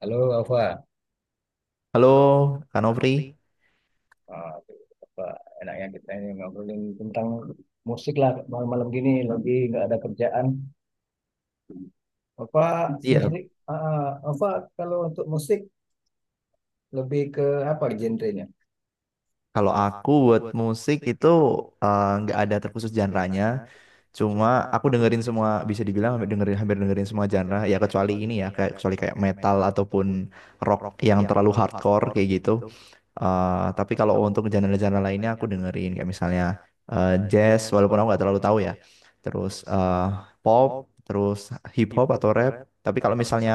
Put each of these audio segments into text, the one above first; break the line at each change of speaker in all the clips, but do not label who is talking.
Halo, Alfa.
Halo, Kak Nopri.
Ah, tuh, apa enaknya kita ini ngobrolin tentang musik lah malam-malam gini lagi nggak ada kerjaan. Alfa,
Iya,
musik, ah, Alfa, kalau untuk musik lebih ke apa genrenya?
kalau aku buat musik itu nggak ada terkhusus genre-nya. Cuma aku dengerin semua, bisa dibilang hampir dengerin semua genre. Ya kecuali ini ya, kayak kecuali kayak metal ataupun rock yang terlalu hardcore kayak gitu. Tapi kalau untuk genre-genre lainnya aku dengerin kayak misalnya jazz, walaupun aku nggak terlalu tahu ya. Terus pop, terus hip hop atau rap. Tapi kalau misalnya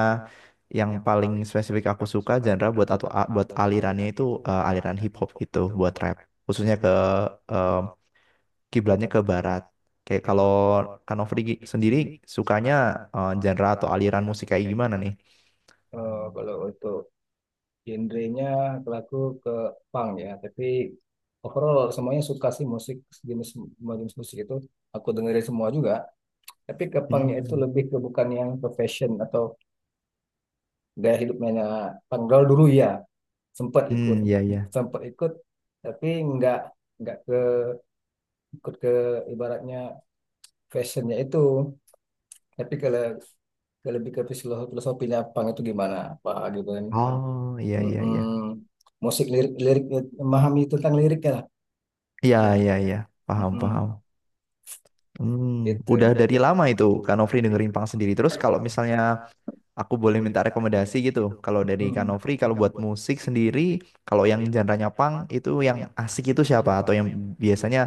yang paling spesifik aku suka genre buat atau buat alirannya itu aliran hip hop gitu buat rap khususnya ke eh, kiblatnya ke barat kayak kalau Kanofri sendiri sukanya genre atau aliran musik kayak gimana nih.
Kalau untuk genrenya, kalau aku ke punk ya, tapi overall semuanya suka sih musik semua jenis musik itu aku dengerin semua juga. Tapi ke punknya itu
Hmm,
lebih ke bukan yang ke fashion atau gaya hidupnya punk, kalau dulu ya. sempat
hmm,
ikut
iya, iya.
sempat ikut tapi nggak nggak ke, ikut ke, ibaratnya fashionnya itu, tapi kalau ke, lebih ke filosofinya, pang itu gimana pak gitu kan.
Oh, iya, iya,
Mm-mm.
iya,
Musik, lirik lirik, memahami tentang liriknya lah.
iya, iya, iya. Paham, paham.
Mm-mm.
Hmm. Udah
Gitu.
dari lama itu Kanofri dengerin punk sendiri terus kalau misalnya aku boleh minta rekomendasi gitu. Kalau dari
Mm.
Kanofri, kalau buat musik sendiri, kalau yang genre-nya punk itu yang asik itu siapa? Atau yang biasanya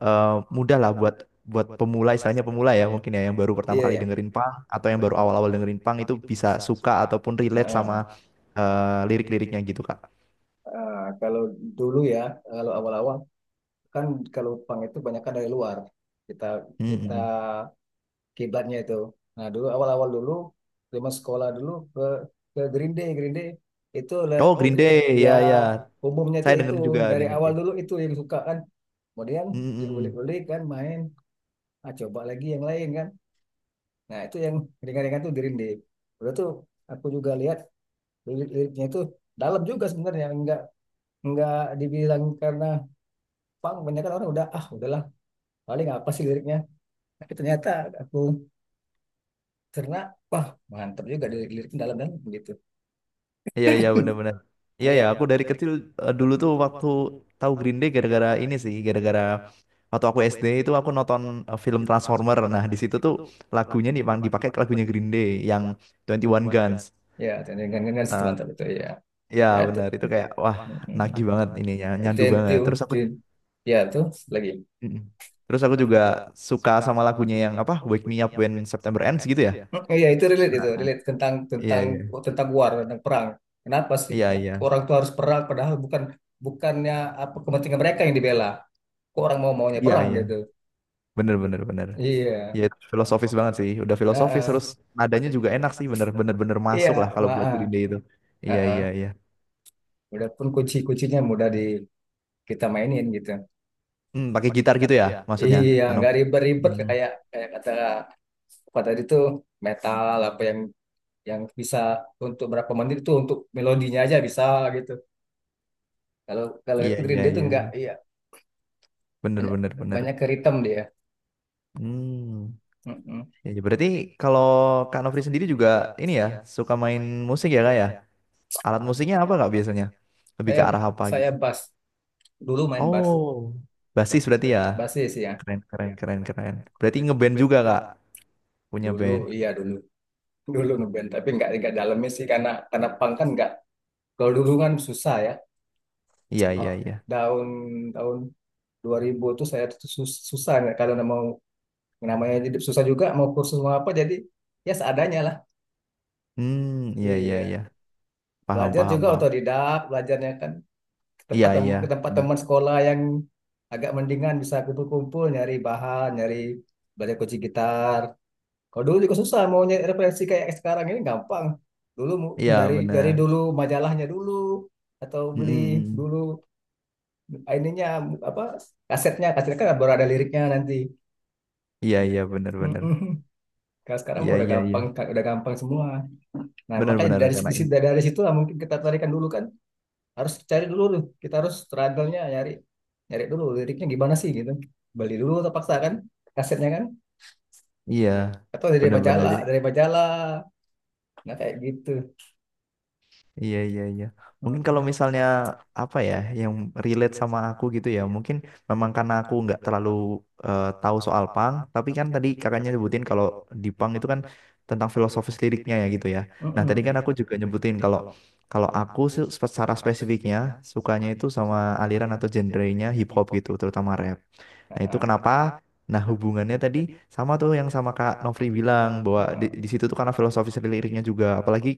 eh, mudah lah buat buat pemula, istilahnya pemula ya mungkin ya, yang baru
Iya
pertama
ya.
kali dengerin punk atau yang baru awal-awal dengerin punk itu bisa suka ataupun relate
Heeh.
sama lirik-liriknya gitu, Kak.
Ah, kalau dulu ya, kalau awal-awal kan, kalau pang itu banyak dari luar, kita kita
Mm-mm.
kiblatnya itu. Nah, dulu awal-awal dulu zaman sekolah dulu, ke Green Day itu le-
Oh, Green Day,
Ya,
ya, ya.
umumnya itu
Saya
itu
dengerin juga
dari
Green Day.
awal dulu itu yang suka kan. Kemudian
Mm-mm.
diulik-ulik kan, main, coba lagi yang lain kan. Nah, itu yang ringan-ringan tuh Green Day. Udah tuh aku juga lihat lirik-liriknya itu dalam juga sebenarnya, enggak dibilang karena pang banyak kan, orang udah, udahlah, paling apa sih liriknya, tapi ternyata aku cerna, wah mantap juga lirik-liriknya, dalam-dalam begitu.
Iya, iya, bener-bener. Iya ya
Iya,
aku dari kecil dulu tuh waktu tahu Green Day gara-gara ini sih gara-gara waktu aku SD itu aku nonton film Transformer. Nah di situ tuh lagunya nih Bang, dipakai ke lagunya Green Day yang Twenty One Guns.
ya, dengan teman
Eh,
itu ya.
Ya
Nah, itu.
bener itu kayak wah
Mm-mm.
nagih banget ininya
Itu
nyandu
yang itu,
banget. Terus aku
itu. Ya, tuh lagi.
mm. terus aku juga suka sama lagunya yang apa Wake Me Up When September Ends gitu ya.
Mm. Iya, itu relate, itu relate tentang
Iya,
tentang
iya,
oh, tentang war, tentang perang. Kenapa sih
iya, iya,
orang tuh harus perang, padahal bukan, bukannya apa kepentingan mereka yang dibela. Kok orang mau maunya
iya,
perang
iya,
gitu.
bener bener bener.
Iya.
Ya, itu filosofis banget sih. Udah filosofis terus
Heeh.
nadanya juga enak sih, bener-bener bener
Iya,
masuk lah kalau buat
heeh.
Green Day itu. Iya, iya,
Heeh.
iya.
Udah pun kunci-kuncinya mudah di kita mainin gitu.
Hmm, pakai gitar gitu ya maksudnya,
Iya, nggak
Kanopi.
ribet-ribet
Hmm,
kayak kayak kata apa tadi tuh, metal apa yang bisa untuk berapa menit itu untuk melodinya aja bisa gitu. Kalau kalau
iya,
itu Green
iya,
Day itu
iya,
enggak,
iya.
iya
Bener
banyak,
bener bener.
banyak ke rhythm dia.
Hmm.
Mm-mm.
Ya, ya, berarti kalau Kak Nofri sendiri juga ini ya, suka main musik ya Kak ya? Alat musiknya apa Kak biasanya? Lebih ke
Saya
arah apa
saya
gitu?
bass, dulu main bass,
Oh, basis berarti ya.
bassis ya,
Keren, keren, keren, keren. Berarti ngeband juga Kak, punya
dulu,
band.
iya, dulu dulu ngeband, tapi enggak, dalamnya sih, karena punk kan enggak, kalau dulu kan susah ya.
Iya, iya,
Oh,
iya.
Tahun tahun 2000 tuh saya tuh susah, nggak kalau mau, namanya hidup susah juga, mau kursus mau apa, jadi ya seadanya lah.
Hmm, iya, iya,
Iya,
iya. Paham,
belajar
paham,
juga
paham.
otodidak belajarnya kan, ke
Iya,
tempat
iya iya,
ke
kan,
tempat teman
bener.
sekolah yang agak mendingan, bisa kumpul-kumpul, nyari bahan, nyari, belajar kunci gitar. Kalau dulu juga susah mau nyari referensi kayak sekarang ini gampang. Dulu
Iya,
nyari,
iya, bener.
dulu majalahnya dulu, atau
Mm,
beli
mm, mm.
dulu ininya, apa, kasetnya, kan baru ada liriknya nanti.
Iya, iya, bener, bener.
Mm-mm. Kalau sekarang
Iya,
mah udah
iya, iya.
gampang, udah gampang semua. Nah,
Bener,
makanya
bener,
dari situ,
karena ini.
dari situ lah mungkin kita tarikan dulu kan. Harus cari dulu tuh. Kita harus struggle-nya nyari, dulu liriknya gimana sih gitu. Beli dulu terpaksa kan kasetnya kan,
Iya,
atau dari
bener, bener.
majalah,
Jadi,
dari majalah. Nah kayak gitu.
iya, iya, iya. Mungkin kalau
Mm-mm.
misalnya apa ya yang relate sama aku gitu ya, mungkin memang karena aku nggak terlalu tahu soal punk, tapi kan tadi kakaknya nyebutin kalau di punk itu kan tentang filosofis liriknya ya gitu ya. Nah, tadi kan
Mm-mm.
aku juga nyebutin kalau kalau aku secara spesifiknya sukanya itu sama aliran atau genrenya hip hop gitu, terutama rap.
Ah,
Nah, itu
ah,
kenapa? Nah, hubungannya tadi sama tuh yang sama Kak Nofri bilang bahwa di,
ah.
di situ tuh karena filosofis liriknya juga, apalagi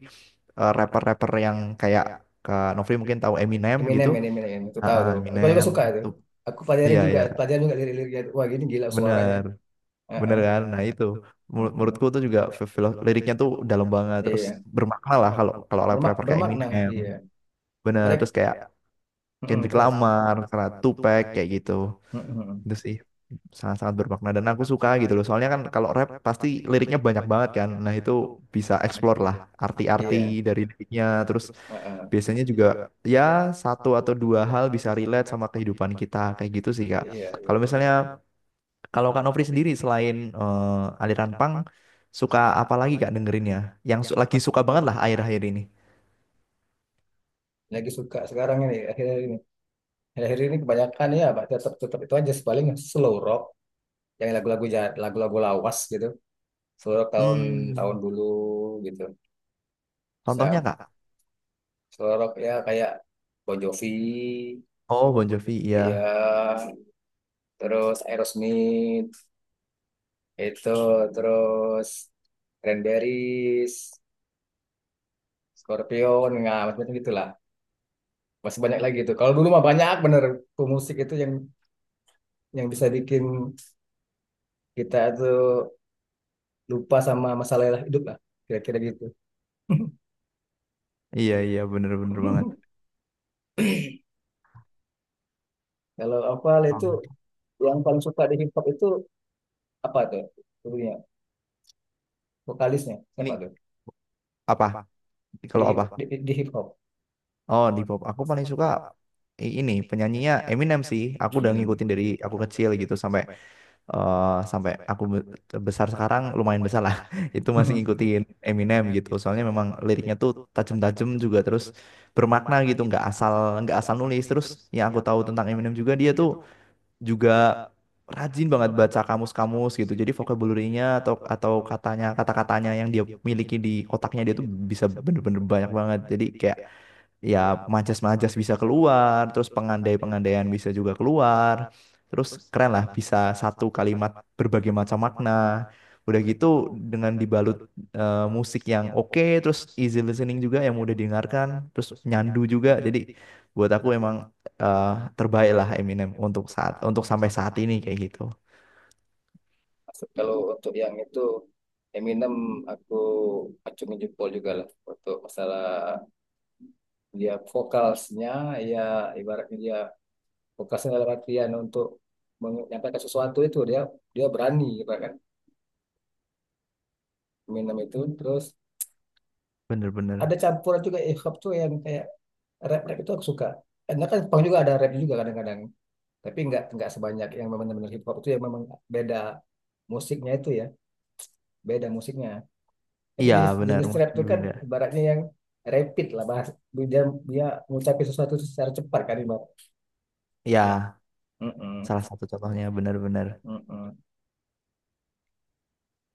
rapper-rapper yang kayak Kak Nofri mungkin tahu Eminem gitu.
Eminem, ini Eminem. Itu
Ah,
tahu
ah,
tuh. Aku juga
Eminem.
suka tuh.
Tuh,
Aku
iya, iya.
pelajari juga lirik-liriknya. Wah, gini gila suaranya.
Bener,
Ah,
bener
ah.
kan? Nah itu,
Mm.
menurutku tuh juga liriknya tuh dalam banget, terus
Iya,
bermakna lah kalau kalau rapper-rapper kayak
bermakna.
Eminem,
Iya,
bener.
mereka.
Terus kayak
Mm,
Kendrick
terus.
Lamar, kayak Tupac kayak gitu.
Mm-mm.
Itu sih sangat-sangat bermakna dan aku suka gitu loh soalnya kan kalau rap pasti liriknya banyak banget kan nah itu bisa explore lah arti-arti
Iya,
dari liriknya terus
ah, ah.
biasanya juga ya satu atau dua hal bisa relate sama kehidupan kita kayak gitu sih kak.
Iya, iya.
Kalau misalnya kalau kak Nofri sendiri selain aliran punk suka apa lagi kak dengerinnya yang lagi suka banget lah akhir-akhir ini.
Lagi suka sekarang ini, akhir ini kebanyakan ya Pak, tetap tetap itu aja paling slow rock, yang lagu-lagu lagu-lagu lawas gitu, slow rock tahun,
Hmm,
dulu gitu.
contohnya
Saya
kak.
slow rock ya kayak Bon Jovi
Oh, Bon Jovi, iya,
ya, terus Aerosmith, itu, terus Cranberries, Scorpion, nggak macam-macam gitulah, masih banyak lagi itu, kalau dulu mah banyak bener tuh, itu yang bisa bikin kita tuh lupa sama masalah hidup lah, kira-kira gitu.
iya, iya, bener-bener banget.
Kalau Oval itu
Hmm.
yang paling suka di hip hop itu apa tuh? Dulunya vokalisnya siapa
Ini
tuh?
apa,
Di
kalau
hip
apa.
di, di hip hop,
Oh, di pop. Aku paling suka ini penyanyinya Eminem sih. Aku udah
Eminem.
ngikutin dari aku kecil gitu sampai eh, sampai aku besar sekarang lumayan besar lah. Itu masih ngikutin Eminem gitu. Soalnya memang liriknya tuh tajam-tajam juga terus bermakna gitu. Nggak asal nulis. Terus yang aku tahu tentang Eminem juga dia tuh juga rajin banget baca kamus-kamus gitu. Jadi vocabulary-nya atau kata-katanya yang dia miliki di otaknya dia tuh bisa bener-bener banyak banget. Jadi kayak ya majas-majas bisa keluar, terus pengandai-pengandaian bisa juga keluar. Terus keren lah bisa satu kalimat berbagai macam makna. Udah gitu dengan dibalut musik yang oke, terus easy listening juga yang mudah didengarkan, terus nyandu juga. Jadi buat aku emang eh terbaik lah Eminem untuk sampai saat ini kayak gitu.
Kalau untuk yang itu Eminem, aku acungin jempol juga lah untuk masalah dia vokalnya ya, ibaratnya dia vokalnya dalam artian untuk menyampaikan sesuatu itu, dia, berani gitu kan, Eminem itu. Terus ada
Bener-bener.
campuran juga hip hop tuh yang kayak rap, rap itu aku suka, karena kan Jepang juga ada rap juga kadang-kadang, tapi nggak sebanyak yang memang benar-benar hip hop itu yang memang beda musiknya itu ya, beda musiknya, tapi
Iya, iya,
jenis
bener
jenis rap itu
musiknya
kan
beda.
ibaratnya yang rapid lah, bahas, dia, ngucapin sesuatu secara cepat kan, ibarat.
Iya,
Mm-mm,
salah satu contohnya bener-bener.
mm-mm.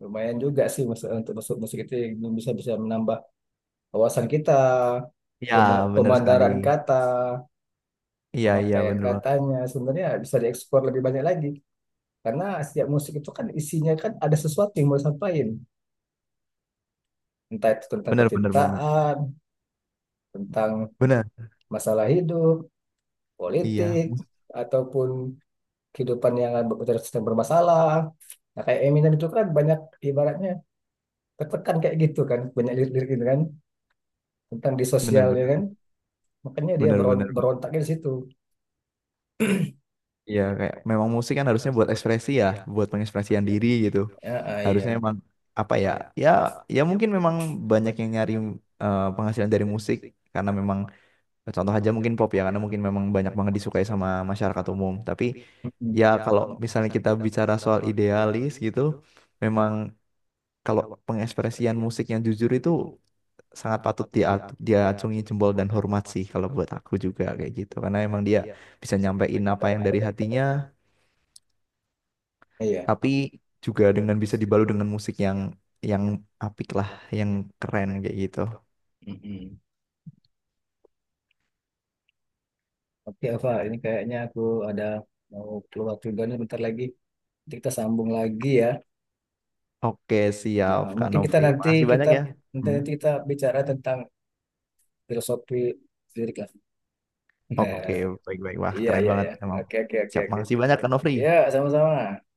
Lumayan juga sih untuk masuk musik itu yang bisa bisa menambah wawasan kita,
Iya bener sekali.
pemandaran kata,
Iya, iya,
pemakaian
bener banget.
katanya sebenarnya bisa diekspor lebih banyak lagi, karena setiap musik itu kan isinya kan ada sesuatu yang mau disampaikan, entah itu tentang
Bener-bener banget.
percintaan, tentang
Bener.
masalah hidup,
Iya
politik, ataupun kehidupan yang bermasalah. Nah, kayak Eminem itu kan banyak ibaratnya tertekan kayak gitu kan, banyak lirik-lirik gitu kan tentang di sosialnya
bener-bener.
kan. Makanya dia
Bener-bener.
berontaknya di situ.
Iya kayak memang musik kan harusnya buat ekspresi ya, buat pengekspresian diri gitu.
Ya,
Harusnya
iya.
emang apa ya? Ya, ya, mungkin memang banyak yang nyari penghasilan dari musik karena memang contoh aja mungkin pop ya, karena mungkin memang banyak banget disukai sama masyarakat umum. Tapi
Mm-mm.
ya kalau misalnya kita bicara soal idealis gitu, memang kalau pengekspresian musik yang jujur itu sangat patut dia diacungi jempol dan hormat sih kalau buat aku juga kayak gitu. Karena emang dia bisa nyampein apa yang dari hatinya,
Iya.
tapi juga dengan bisa dibalut dengan musik yang apik lah, yang keren kayak gitu.
Mm-mm. Oke, Ava, ini kayaknya aku ada mau keluar juga nih bentar lagi. Nanti kita sambung lagi ya.
Oke,
Ah,
siap
ah.
Kak
Mungkin kita
Nofri.
nanti
Makasih banyak
kita
ya.
nanti,
Hmm.
nanti kita bicara tentang filosofi lirik
Oke,
lah.
baik-baik. Wah,
Iya,
keren
iya,
banget
iya.
emang.
Oke, oke, oke,
Siap,
oke.
makasih banyak, Kak Nofri.
Ya, sama-sama.